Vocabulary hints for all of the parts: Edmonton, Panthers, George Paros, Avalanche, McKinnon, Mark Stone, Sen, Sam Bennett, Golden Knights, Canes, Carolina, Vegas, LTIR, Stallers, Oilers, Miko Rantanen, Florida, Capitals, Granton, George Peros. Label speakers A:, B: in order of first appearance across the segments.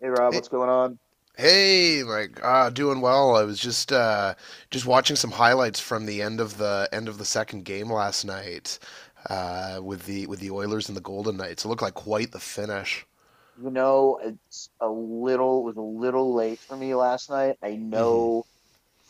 A: Hey Rob,
B: Hey,
A: what's going on?
B: hey, Mike. Doing well. I was just watching some highlights from the end of the second game last night with the Oilers and the Golden Knights. It looked like quite the finish.
A: It's a little was a little late for me last night. I
B: Hmm.
A: know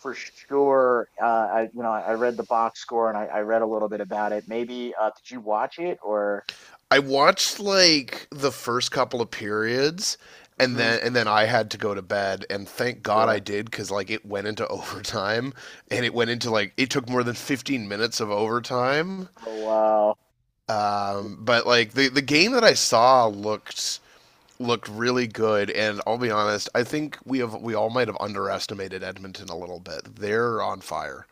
A: for sure. I I read the box score and I read a little bit about it. Maybe did you watch it or?
B: I watched like the first couple of periods, and
A: Mm-hmm.
B: then and then I had to go to bed. And thank God I
A: Sure.
B: did, because like it went into overtime, and it went into like it took more than 15 minutes of overtime.
A: Oh wow. Yeah,
B: But like the game that I saw looked really good, and I'll be honest, I think we all might have underestimated Edmonton a little bit. They're on fire.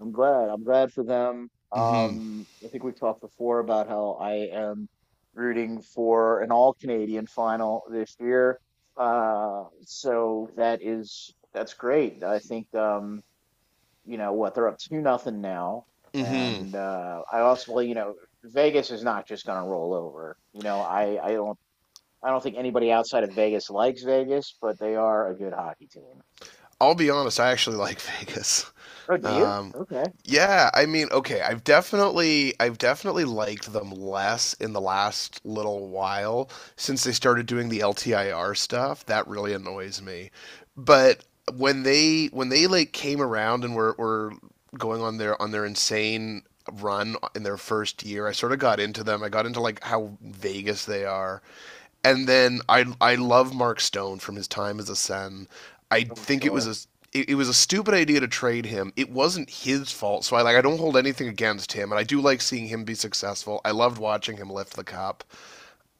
A: I'm glad. I'm glad for them.
B: Mm-hmm.
A: I think we've talked before about how I am rooting for an all Canadian final this year. So that's great. I think what, they're up two nothing now,
B: Mm-hmm.
A: and I also. Well, Vegas is not just going to roll over. You know, I don't. I don't think anybody outside of Vegas likes Vegas, but they are a good hockey team.
B: I'll be honest, I actually like Vegas.
A: Oh, do you?
B: Um,
A: Okay.
B: yeah, I mean, okay, I've definitely liked them less in the last little while since they started doing the LTIR stuff. That really annoys me. But when they like came around and were going on their insane run in their first year, I sort of got into them. I got into like how Vegas they are, and then I love Mark Stone from his time as a Sen. I
A: Oh,
B: think it was
A: sure.
B: a it, it was a stupid idea to trade him. It wasn't his fault, so I, like, I don't hold anything against him, and I do like seeing him be successful. I loved watching him lift the cup.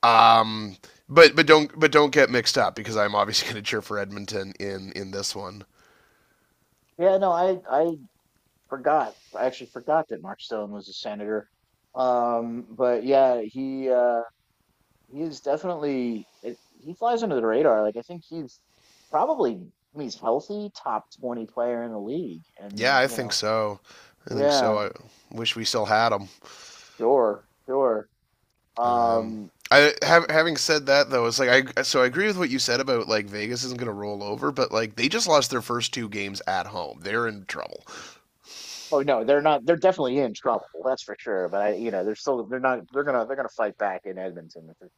B: Um, but don't get mixed up because I'm obviously going to cheer for Edmonton in this one.
A: Yeah, no, I forgot. I actually forgot that Mark Stone was a senator. But yeah, he he's definitely he flies under the radar. Like I think he's probably, when he's healthy, top 20 player in the league.
B: Yeah,
A: And
B: I
A: you
B: think
A: know,
B: so. I think so.
A: yeah,
B: I wish we still had him.
A: sure, sure.
B: Um,
A: Um,
B: I
A: s-
B: have, having said that though, it's like I agree with what you said about like Vegas isn't going to roll over, but like they just lost their first two games at home. They're in trouble.
A: oh no, they're not. They're definitely in trouble. That's for sure. But I, you know, they're still. They're not they're gonna fight back in Edmonton for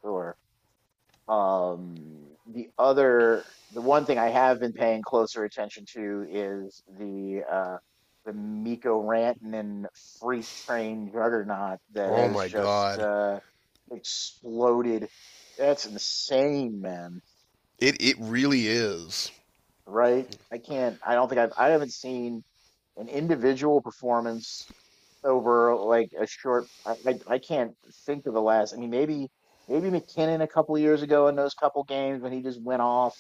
A: sure. Um, the other, the one thing I have been paying closer attention to is the Miko Rantanen freight train juggernaut that
B: Oh
A: has
B: my
A: just
B: god.
A: exploded. That's insane, man.
B: It really is.
A: Right? I can't. I don't think I've. I haven't seen an individual performance over like a short. I can't think of the last. I mean, maybe McKinnon a couple of years ago in those couple games when he just went off.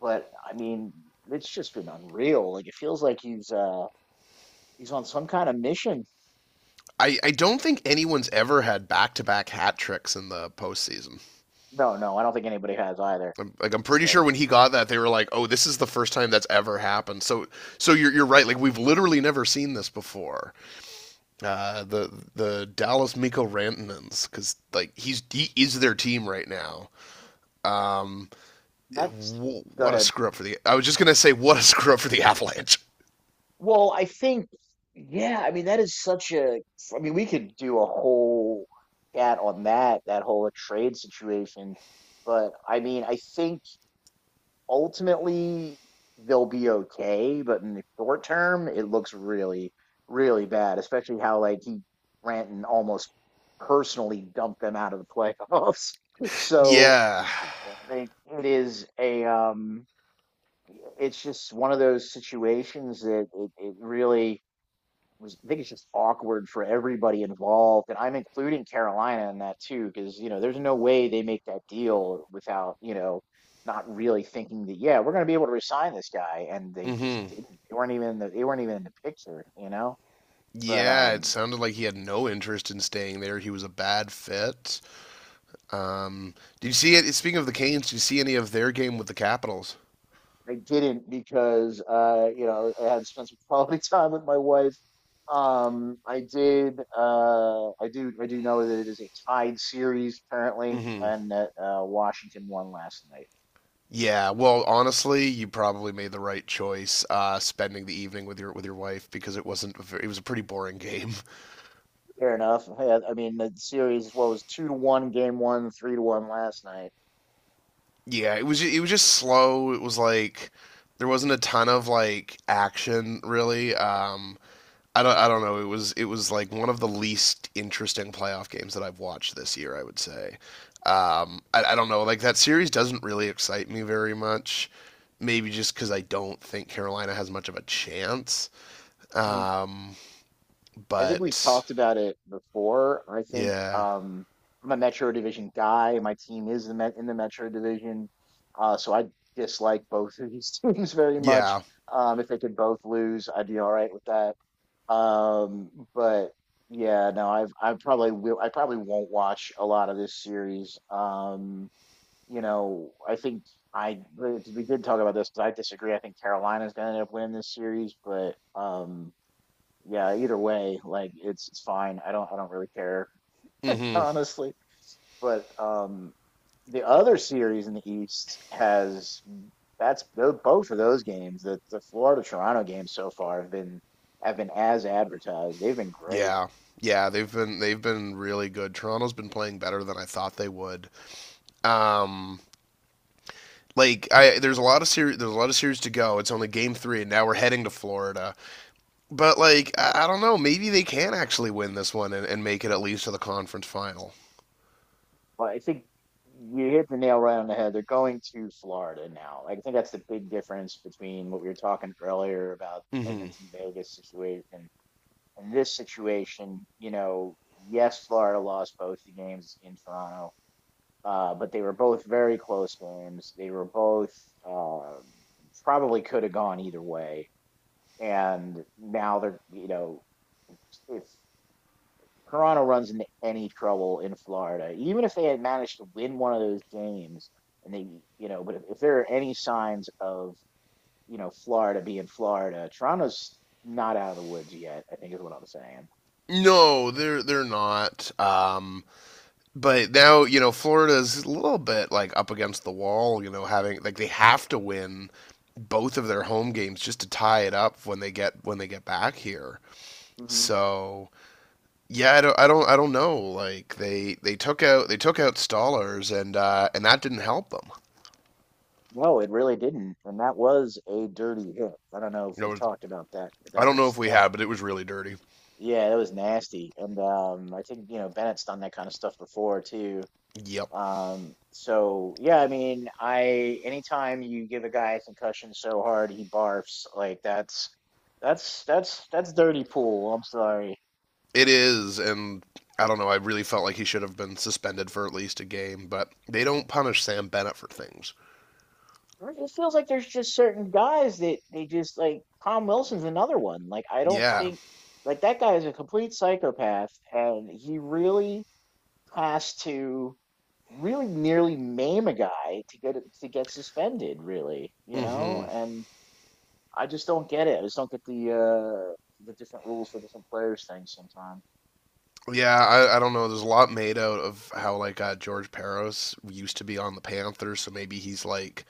A: But I mean, it's just been unreal. Like it feels like he's he's on some kind of mission.
B: I don't think anyone's ever had back to back hat tricks in the postseason.
A: No, no, I don't think anybody has either.
B: I'm pretty sure
A: So
B: when he got that, they were like, "Oh, this is the first time that's ever happened." So you're right. Like we've literally never seen this before. The Dallas Miko Rantanens, because like he is their team right now. Um,
A: that's
B: w-
A: go
B: what a
A: ahead.
B: screw up for the. I was just gonna say what a screw up for the Avalanche.
A: Well, I think, yeah, I mean, that is such a, I mean, we could do a whole chat on that, that whole trade situation. But I mean, I think ultimately they'll be okay. But in the short term, it looks really, really bad, especially how Granton almost personally dumped them out of the playoffs. So
B: Yeah.
A: like it is a, it's just one of those situations it really, was. I think it's just awkward for everybody involved, and I'm including Carolina in that too, because you know there's no way they make that deal without you know not really thinking that, yeah, we're going to be able to resign this guy, and they just
B: Mm-hmm.
A: didn't. They weren't even in the, they weren't even in the picture, you know. But
B: Yeah, it sounded like he had no interest in staying there. He was a bad fit. Um, did you see it? Speaking of the Canes, did you see any of their game with the Capitals?
A: they didn't, because you know I had to spend some quality time with my wife. I did. I do know that it is a tied series currently,
B: Mm-hmm.
A: and that Washington won last night.
B: Yeah, well, honestly, you probably made the right choice spending the evening with your wife because it wasn't a ver- it was a pretty boring game.
A: Fair enough. Yeah, I mean the series, what was, two to one game one, three to one last night.
B: Yeah, it was just slow. It was like there wasn't a ton of like action really. I don't know. It was like one of the least interesting playoff games that I've watched this year, I would say. I don't know. Like that series doesn't really excite me very much. Maybe just because I don't think Carolina has much of a chance.
A: Hmm.
B: Um,
A: I think we've
B: but
A: talked about it before. I think
B: yeah,
A: I'm a Metro Division guy. My team is the Met in the Metro Division, so I dislike both of these teams very much.
B: yeah,
A: If they could both lose, I'd be all right with that. But yeah, no, I've. I probably will. I probably won't watch a lot of this series. You know, I think I we did talk about this because I disagree. I think Carolina's going to end up winning this series, but yeah, either way, like it's fine. I don't really care
B: hmm,
A: honestly. But the other series in the East has that's tho- both of those games. The Florida Toronto games so far have been as advertised. They've been great.
B: yeah, yeah. They've been really good. Toronto's been playing better than I thought they would. Um, like I there's a lot of series there's a lot of series to go. It's only game three, and now we're heading to Florida. But like I don't know, maybe they can actually win this one and make it at least to the conference final.
A: Well, I think you hit the nail right on the head. They're going to Florida now. Like, I think that's the big difference between what we were talking earlier about
B: Hmm.
A: Edmonton Vegas situation and this situation. You know, yes, Florida lost both the games in Toronto, but they were both very close games. They were both uh, probably could have gone either way. And now they're, you know, if Toronto runs into any trouble in Florida, even if they had managed to win one of those games, and they, you know, but if there are any signs of, you know, Florida being Florida, Toronto's not out of the woods yet, I think is what I'm saying.
B: No, they're not. But now Florida's a little bit like up against the wall. You know, having like they have to win both of their home games just to tie it up when they get back here.
A: Hmm.
B: So. Yeah, I don't know. Like they took out Stallers, and and that didn't help them.
A: No, it really didn't, and that was a dirty hit. I don't know if
B: You
A: we've
B: know,
A: talked about that, but
B: I don't know if we had, but it was really dirty.
A: yeah, that was nasty. And I think, you know, Bennett's done that kind of stuff before too.
B: Yep,
A: So yeah, I mean, I, anytime you give a guy a concussion so hard he barfs, like that's dirty pool. I'm sorry.
B: it is, and I don't know. I really felt like he should have been suspended for at least a game, but they don't punish Sam Bennett for things.
A: It feels like there's just certain guys that they just, like Tom Wilson's another one. Like I don't
B: Yeah,
A: think, like that guy is a complete psychopath and he really has to really nearly maim a guy to get it to get suspended, really, you know?
B: hmm,
A: And I just don't get it. I just don't get the different rules for different players things sometimes.
B: yeah. I don't know. There's a lot made out of how like George Peros used to be on the Panthers, so maybe he's like,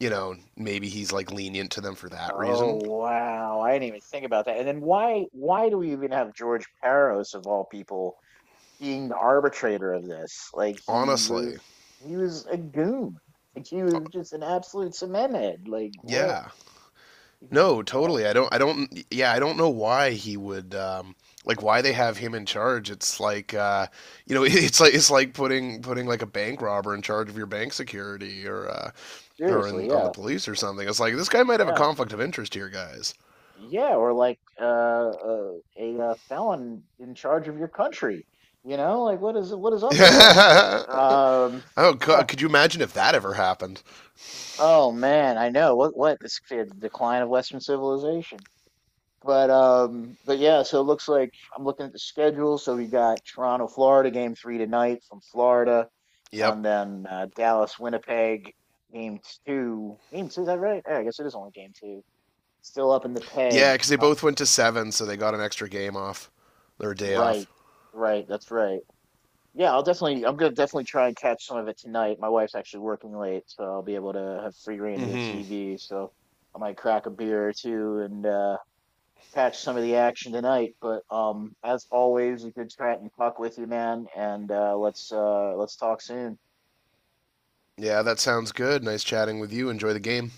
B: you know, maybe he's like lenient to them for that
A: Oh
B: reason.
A: wow, I didn't even think about that. And then why do we even have George Paros of all people being the arbitrator of this? Like he
B: Honestly,
A: was. He was a goon. Like he was just an absolute cement head. Like what?
B: yeah.
A: You-
B: No,
A: well,
B: totally. I don't. I don't. Yeah, I don't know why he would. Like why they have him in charge. It's like it's like putting like a bank robber in charge of your bank security or
A: seriously,
B: on the
A: yeah,
B: police or something. It's like this guy might have a
A: yeah.
B: conflict of interest here, guys.
A: Yeah, or like a felon in charge of your country. You know, like what is up with that? Um,
B: Oh, could you imagine if that ever happened?
A: oh man, I know what it's the decline of Western civilization. But yeah, so it looks like I'm looking at the schedule. So we got Toronto, Florida, game three tonight from Florida, and
B: Yep.
A: then Dallas, Winnipeg, game Game two, is that right? Yeah, I guess it is only game two. Still up in the
B: Yeah,
A: peg.
B: because they both went to seven, so they got an extra game off, or a day off.
A: Right, right. That's right. Yeah, I'll definitely. I'm gonna definitely try and catch some of it tonight. My wife's actually working late, so I'll be able to have free reign of the
B: Hmm.
A: TV. So I might crack a beer or two and catch some of the action tonight. But as always, a good chat and talk with you, man. And let's talk soon.
B: Yeah, that sounds good. Nice chatting with you. Enjoy the game.